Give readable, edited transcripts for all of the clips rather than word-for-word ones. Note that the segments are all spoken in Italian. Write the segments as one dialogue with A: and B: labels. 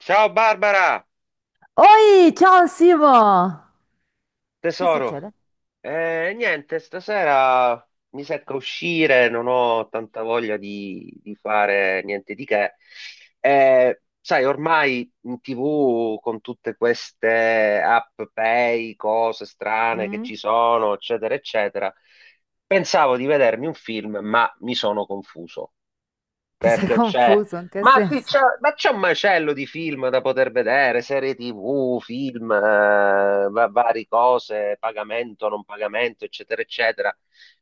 A: Ciao Barbara,
B: Oi, ciao Simo! Che
A: tesoro.
B: succede?
A: Niente, stasera mi secca uscire, non ho tanta voglia di fare niente di che. Sai, ormai in TV con tutte queste app pay, cose strane che
B: Mm?
A: ci sono, eccetera, eccetera, pensavo di vedermi un film, ma mi sono confuso
B: Ti sei
A: perché c'è.
B: confuso? In che
A: Ma sì,
B: senso?
A: c'è, ma c'è un macello di film da poter vedere, serie TV, film, varie cose, pagamento, non pagamento, eccetera, eccetera.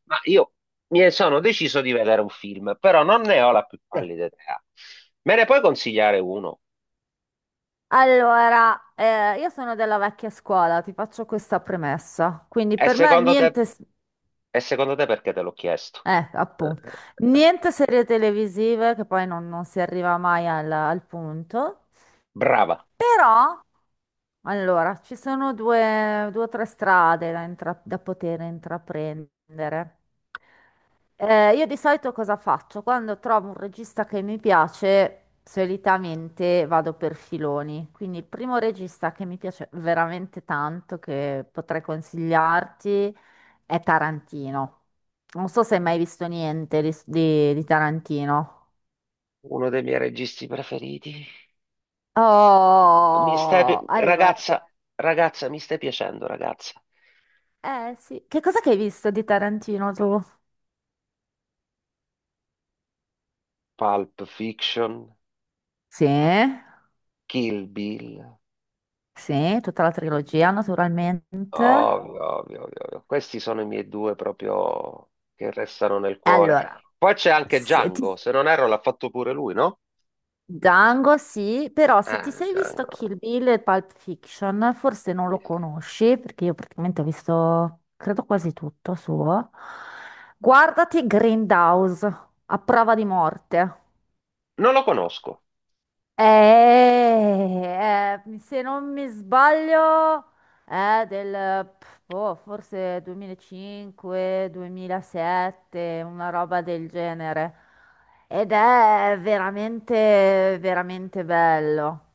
A: Ma io mi sono deciso di vedere un film, però non ne ho la più
B: Sì.
A: pallida idea. Me ne puoi consigliare uno?
B: Allora, io sono della vecchia scuola, ti faccio questa premessa. Quindi
A: E
B: per me
A: secondo te,
B: niente,
A: e secondo te perché te l'ho chiesto?
B: appunto,
A: Eh,
B: niente serie televisive, che poi non si arriva mai al punto.
A: brava,
B: Però, allora, ci sono due o tre strade da, da poter intraprendere. Io di solito cosa faccio? Quando trovo un regista che mi piace, solitamente vado per filoni. Quindi il primo regista che mi piace veramente tanto, che potrei consigliarti, è Tarantino. Non so se hai mai visto niente di Tarantino.
A: uno dei miei registi preferiti. Mi stai, pi-
B: Oh, allora,
A: ragazza, ragazza, mi stai piacendo, ragazza.
B: eh sì. Che cosa che hai visto di Tarantino tu?
A: Pulp Fiction,
B: Sì,
A: Kill Bill,
B: sì, tutta la trilogia naturalmente.
A: ovvio, ovvio, ovvio, ovvio. Questi sono i miei due proprio che restano nel cuore.
B: Allora,
A: Poi c'è anche
B: se
A: Django,
B: ti-
A: se non erro l'ha fatto pure lui, no?
B: Django sì, però se ti
A: Ah,
B: sei visto Kill
A: Django.
B: Bill e Pulp Fiction, forse non lo conosci, perché io praticamente ho visto, credo quasi tutto suo. Guardati Grindhouse, a prova di morte.
A: Non lo conosco.
B: Se non mi sbaglio, è del pff, boh, forse 2005, 2007, una roba del genere. Ed è veramente, veramente bello.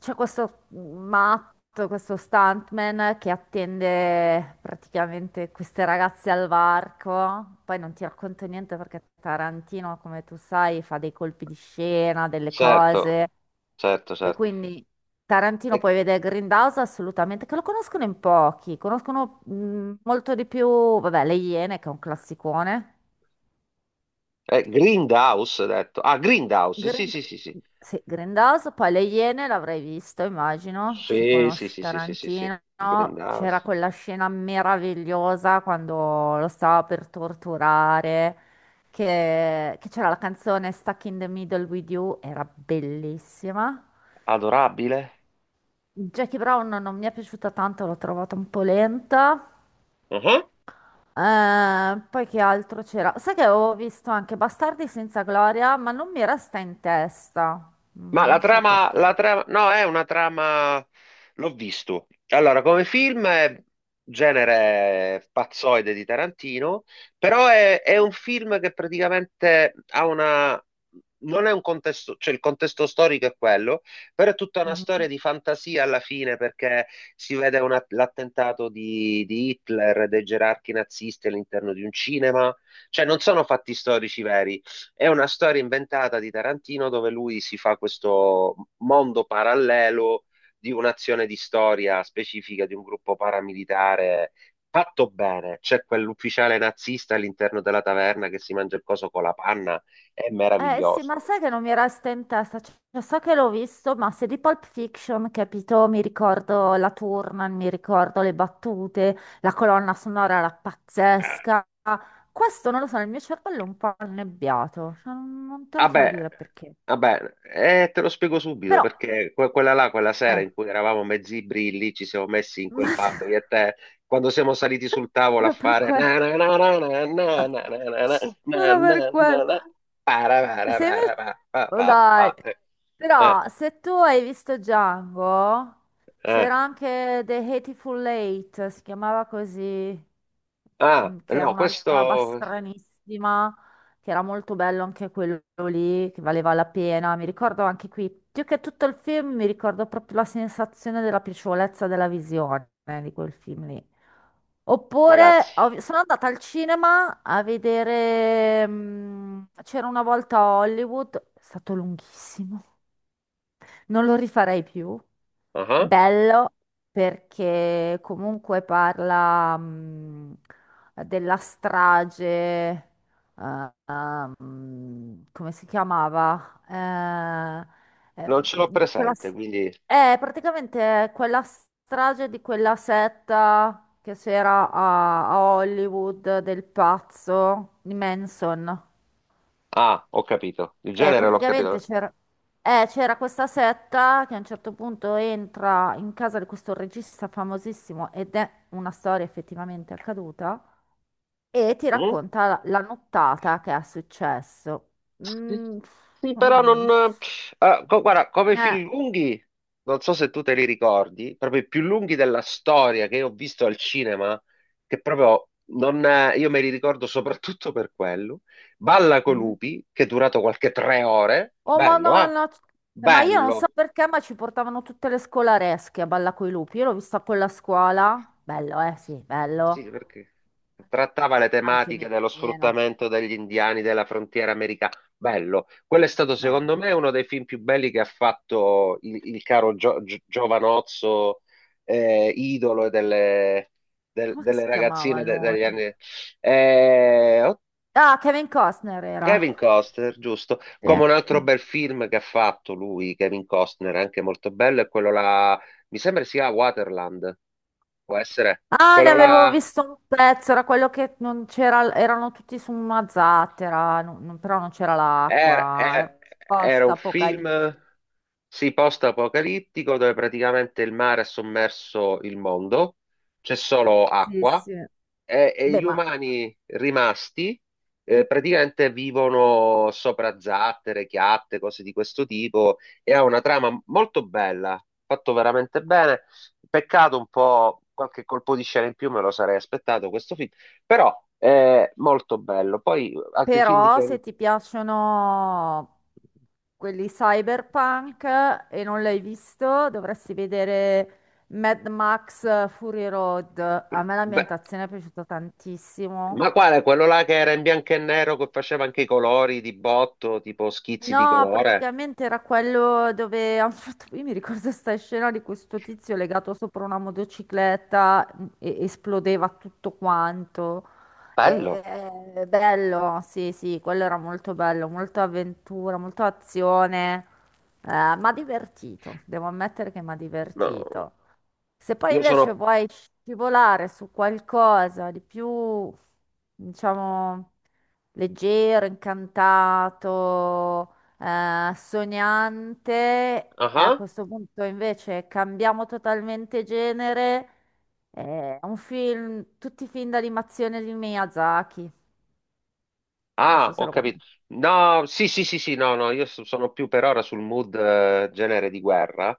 B: C'è questo matto, questo stuntman che attende praticamente queste ragazze al varco. Poi non ti racconto niente perché Tarantino, come tu sai, fa dei colpi di scena, delle
A: Certo,
B: cose.
A: certo,
B: E
A: certo.
B: quindi Tarantino
A: Eh,
B: puoi vedere Grindhouse assolutamente, che lo conoscono in pochi, conoscono molto di più, vabbè, Le Iene che è un classicone.
A: Grindhouse, hai detto. Ah, Grindhouse, sì,
B: Grind-
A: sì, sì, sì.
B: sì, Grindhouse, poi Le Iene l'avrei visto, immagino, se
A: Sì, sì,
B: conosci
A: sì, sì, sì, sì, sì.
B: Tarantino. C'era
A: Grindhouse.
B: quella scena meravigliosa quando lo stava per torturare, che c'era la canzone Stuck in the Middle with You, era bellissima.
A: Adorabile.
B: Jackie Brown non mi è piaciuta tanto, l'ho trovata un po' lenta. Poi che altro c'era? Sai che avevo visto anche Bastardi senza gloria, ma non mi resta in testa.
A: Ma
B: Mm, non so
A: la
B: perché.
A: trama, no, è una trama, l'ho visto. Allora, come film è genere pazzoide di Tarantino, però è un film che praticamente ha una, non è un contesto, cioè il contesto storico è quello, però è tutta una
B: Mhm.
A: storia di fantasia alla fine perché l'attentato di Hitler, dei gerarchi nazisti all'interno di un cinema, cioè non sono fatti storici veri. È una storia inventata di Tarantino dove lui si fa questo mondo parallelo di un'azione di storia specifica di un gruppo paramilitare fatto bene. C'è quell'ufficiale nazista all'interno della taverna che si mangia il coso con la panna, è
B: Eh sì, ma
A: meraviglioso.
B: sai che non mi resta in testa? Cioè, so che l'ho visto, ma se di Pulp Fiction, capito, mi ricordo la Turman, mi ricordo le battute, la colonna sonora era pazzesca. Questo non lo so, il mio cervello è un po' annebbiato, cioè, non te lo so
A: Vabbè,
B: dire perché.
A: vabbè, te lo spiego subito
B: Però
A: perché quella là, quella sera
B: Eh,
A: in cui eravamo mezzi brilli, ci siamo messi in quel
B: ma
A: pub io e te, quando siamo saliti sul tavolo a
B: era per
A: fare
B: quello.
A: na na na na na na na na na na na
B: Era per
A: na na
B: quello.
A: na, para para
B: Sei
A: para
B: messo...
A: pa pa
B: Oh,
A: pa
B: dai.
A: pa. Eh,
B: Però se tu hai visto Django,
A: eh.
B: c'era anche The Hateful Eight, si chiamava così,
A: Ah,
B: mm, che era
A: no,
B: una roba
A: questo
B: stranissima, che era molto bello anche quello lì, che valeva la pena. Mi ricordo anche qui, più che tutto il film, mi ricordo proprio la sensazione della piacevolezza della visione di quel film lì. Oppure
A: ragazzi,
B: sono andata al cinema a vedere, mm, c'era una volta a Hollywood, è stato lunghissimo. Non lo rifarei più.
A: ah,
B: Bello perché comunque parla della strage, come si chiamava? Eh, eh,
A: non ce l'ho
B: di quella
A: presente,
B: s-
A: quindi
B: praticamente è quella strage di quella setta che c'era a Hollywood del pazzo di Manson
A: ah, ho capito, il
B: che
A: genere l'ho
B: praticamente
A: capito.
B: c'era c'era questa setta che a un certo punto entra in casa di questo regista famosissimo ed è una storia effettivamente accaduta e ti
A: Mm?
B: racconta la nottata che è successo.
A: Sì,
B: Mm,
A: sì, però
B: mm,
A: non... guarda, come
B: eh,
A: film lunghi, non so se tu te li ricordi, proprio i più lunghi della storia che io ho visto al cinema, che proprio non... io me li ricordo soprattutto per quello. Balla con
B: mm.
A: lupi, che è durato qualche 3 ore.
B: Oh, ma
A: Bello,
B: no,
A: eh?
B: no, ma io non so
A: Bello.
B: perché, ma ci portavano tutte le scolaresche a Balla coi lupi. Io l'ho vista con la scuola. Bello, eh? Sì, bello.
A: Sì, perché trattava le
B: Anche
A: tematiche dello
B: meno.
A: sfruttamento degli indiani della frontiera americana. Bello. Quello è stato,
B: Bello.
A: secondo me, uno dei film più belli che ha fatto il caro Giovanozzo, idolo
B: Come che si
A: delle
B: chiamava
A: ragazzine
B: lui?
A: degli anni. Eh, oh,
B: Ah, Kevin Costner
A: Kevin
B: era.
A: Costner, giusto.
B: Sì,
A: Come un
B: sì.
A: altro bel film che ha fatto lui, Kevin Costner, anche molto bello, è quello là. Mi sembra sia Waterland. Può essere
B: Ah, ne
A: quello
B: avevo
A: là.
B: visto un pezzo, era quello che non c'era, erano tutti su una zattera, però non c'era
A: Era,
B: l'acqua, era
A: era- era
B: post
A: un
B: apocalittico.
A: film, sì, post-apocalittico dove praticamente il mare ha sommerso il mondo, c'è solo
B: Sì,
A: acqua
B: sì.
A: e
B: Beh,
A: gli
B: ma
A: umani rimasti praticamente vivono sopra zattere, chiatte, cose di questo tipo e ha una trama molto bella, fatto veramente bene. Peccato un po', qualche colpo di scena in più me lo sarei aspettato questo film, però è molto bello. Poi altri film di...
B: però se ti piacciono quelli cyberpunk e non l'hai visto, dovresti vedere Mad Max Fury Road. A me
A: Beh,
B: l'ambientazione è piaciuta tantissimo.
A: ma quale? Quello là che era in bianco e nero, che faceva anche i colori di botto, tipo schizzi di
B: No,
A: colore?
B: praticamente era quello dove hanno fatto, io mi ricordo questa scena di questo tizio legato sopra una motocicletta e esplodeva tutto quanto. E-
A: Bello.
B: bello, sì, sì, quello era molto bello, molto avventura, molto azione, mi ha divertito, devo ammettere che mi ha
A: No,
B: divertito. Se poi
A: io
B: invece
A: sono...
B: vuoi scivolare su qualcosa di più, diciamo, leggero, incantato, sognante,
A: Ah?
B: a
A: Ah.
B: questo punto invece cambiamo totalmente genere. È un film, tutti i film d'animazione di Miyazaki. Non so
A: Ah,
B: se
A: ho
B: lo
A: capito.
B: conosci.
A: No, sì, sì, sì, sì, no, no, io sono più per ora sul mood genere di guerra.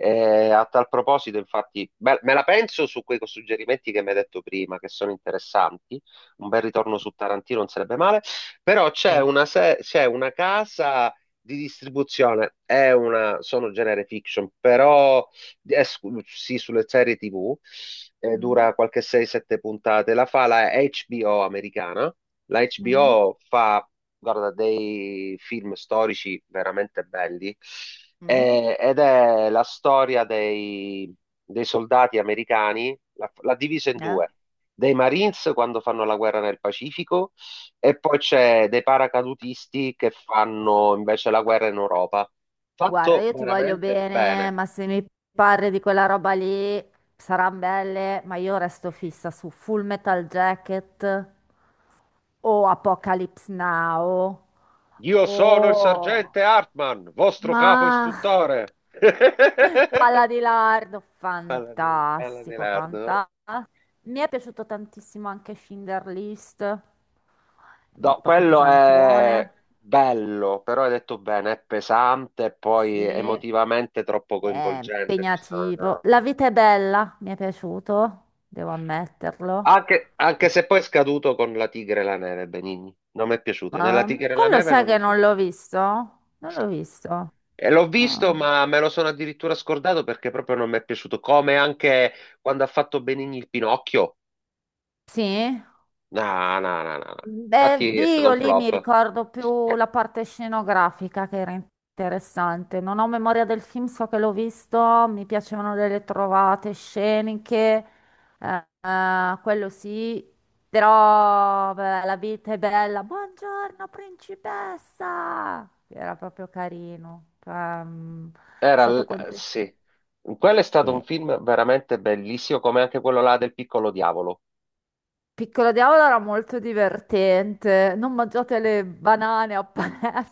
A: A tal proposito, infatti, beh, me la penso su quei suggerimenti che mi hai detto prima, che sono interessanti. Un bel ritorno su Tarantino non sarebbe male, però c'è una, se- c'è una casa di distribuzione, è una, sono genere fiction, però sì, sulle serie TV,
B: Mm?
A: dura qualche 6-7 puntate, la fa la HBO americana la
B: Mm?
A: HBO fa, guarda, dei film storici veramente belli
B: Mm?
A: ed è la storia dei soldati americani, l'ha divisa in
B: Eh?
A: due, dei Marines quando fanno la guerra nel Pacifico e poi c'è dei paracadutisti che fanno invece la guerra in Europa.
B: Guarda,
A: Fatto
B: io ti voglio
A: veramente
B: bene,
A: bene.
B: ma se mi parli di quella roba lì, saranno belle, ma io resto fissa su Full Metal Jacket o Apocalypse Now
A: Io sono il
B: o...
A: sergente Hartman, vostro capo
B: Ma...
A: istruttore.
B: Palla di Lardo,
A: Bella di
B: fantastico,
A: Lerdo.
B: fantastico. Mi è piaciuto tantissimo anche Schindler List, un
A: No,
B: po' più
A: quello è
B: pesantone.
A: bello, però hai detto bene, è pesante e poi
B: Sì.
A: emotivamente troppo
B: È
A: coinvolgente, giusto?
B: impegnativo.
A: No.
B: La vita è bella, mi è piaciuto, devo ammetterlo.
A: Anche, anche se poi è scaduto con La Tigre e la Neve, Benigni. Non mi è piaciuto. Nella
B: Ma
A: Tigre e la
B: quello
A: Neve
B: sai
A: non mi
B: che
A: è
B: non
A: piaciuto.
B: l'ho visto? Non l'ho visto.
A: E l'ho visto,
B: Ah.
A: ma me lo sono addirittura scordato perché proprio non mi è piaciuto. Come anche quando ha fatto Benigni il Pinocchio.
B: Sì?
A: No, no, no, no, no.
B: Beh,
A: Infatti è stato
B: io
A: un
B: lì mi
A: flop.
B: ricordo più la parte scenografica che era interessante. Non ho memoria del film, so che l'ho visto, mi piacevano delle trovate sceniche, quello sì, però beh, la vita è bella. Buongiorno, principessa! Era proprio carino. È stato contestato.
A: Sì, quello è stato un film veramente bellissimo, come anche quello là del Piccolo Diavolo.
B: Piccolo Diavolo era molto divertente. Non mangiate le banane a Panello,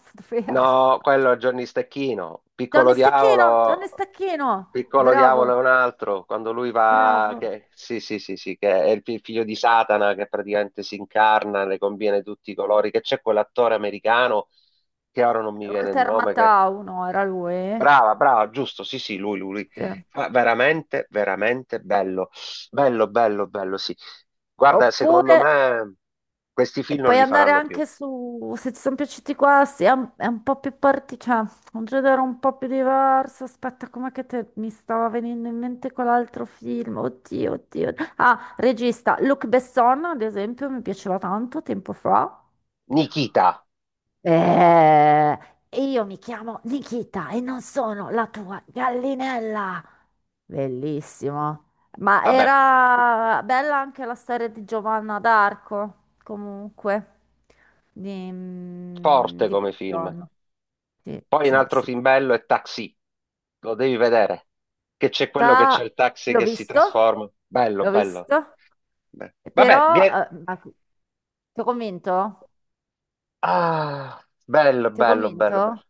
A: No, quello è Johnny Stecchino, Piccolo
B: Johnny
A: Diavolo,
B: Stecchino,
A: Piccolo
B: bravo,
A: Diavolo è un altro, quando lui va,
B: bravo.
A: che, sì, sì, sì, sì, che è il figlio di Satana che praticamente si incarna, le conviene tutti i colori, che c'è quell'attore americano, che ora non mi viene il
B: Walter
A: nome,
B: Matthau, no, era lui.
A: brava, brava, giusto, sì, sì, lui, lui, lui.
B: Sì.
A: Fa veramente, veramente bello, bello, bello, bello, sì. Guarda, secondo
B: Oppure,
A: me questi
B: e
A: film non
B: puoi
A: li
B: andare
A: faranno più.
B: anche su, se ti sono piaciuti questi, è un po' più parti, cioè, un genere un po' più diverso. Aspetta, mi stava venendo in mente quell'altro film? Oddio, oddio. Ah, regista, Luc Besson, ad esempio, mi piaceva tanto tempo fa.
A: Nikita,
B: Eh, e io mi chiamo Nikita e non sono la tua gallinella. Bellissimo. Ma
A: vabbè,
B: era bella anche la storia di Giovanna d'Arco, comunque,
A: forte
B: di
A: come film.
B: Belzoni. Sì,
A: Poi un
B: sì,
A: altro
B: sì.
A: film bello è Taxi, lo devi vedere, che c'è quello che c'è
B: Da-
A: il taxi
B: L'ho
A: che si
B: visto,
A: trasforma. Bello,
B: l'ho
A: bello.
B: visto,
A: Beh, vabbè,
B: però...
A: vie-
B: Ti ho convinto?
A: Ah, bello,
B: Ti ho
A: bello, bello, bello.
B: convinto?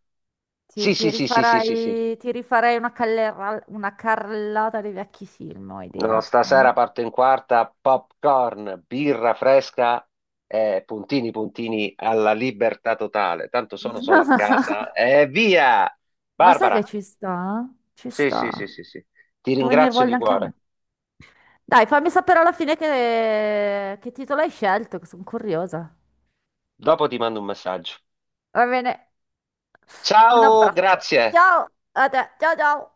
A: Sì, sì, sì, sì, sì, sì, sì.
B: Ti rifarai una, una carrellata dei vecchi film, ho idea.
A: No,
B: Mm?
A: stasera parto in quarta, popcorn, birra fresca e puntini puntini alla libertà totale. Tanto sono solo a casa e via!
B: Ma sai
A: Barbara,
B: che ci sta? Ci
A: sì, sì, sì,
B: sta.
A: sì, sì. Ti
B: Tu venire
A: ringrazio di
B: voglia anche a me.
A: cuore.
B: Dai, fammi sapere alla fine che titolo hai scelto, che sono curiosa.
A: Dopo ti mando un messaggio.
B: Va bene. Un
A: Ciao,
B: abbraccio.
A: grazie.
B: Ciao a te. Ciao ciao.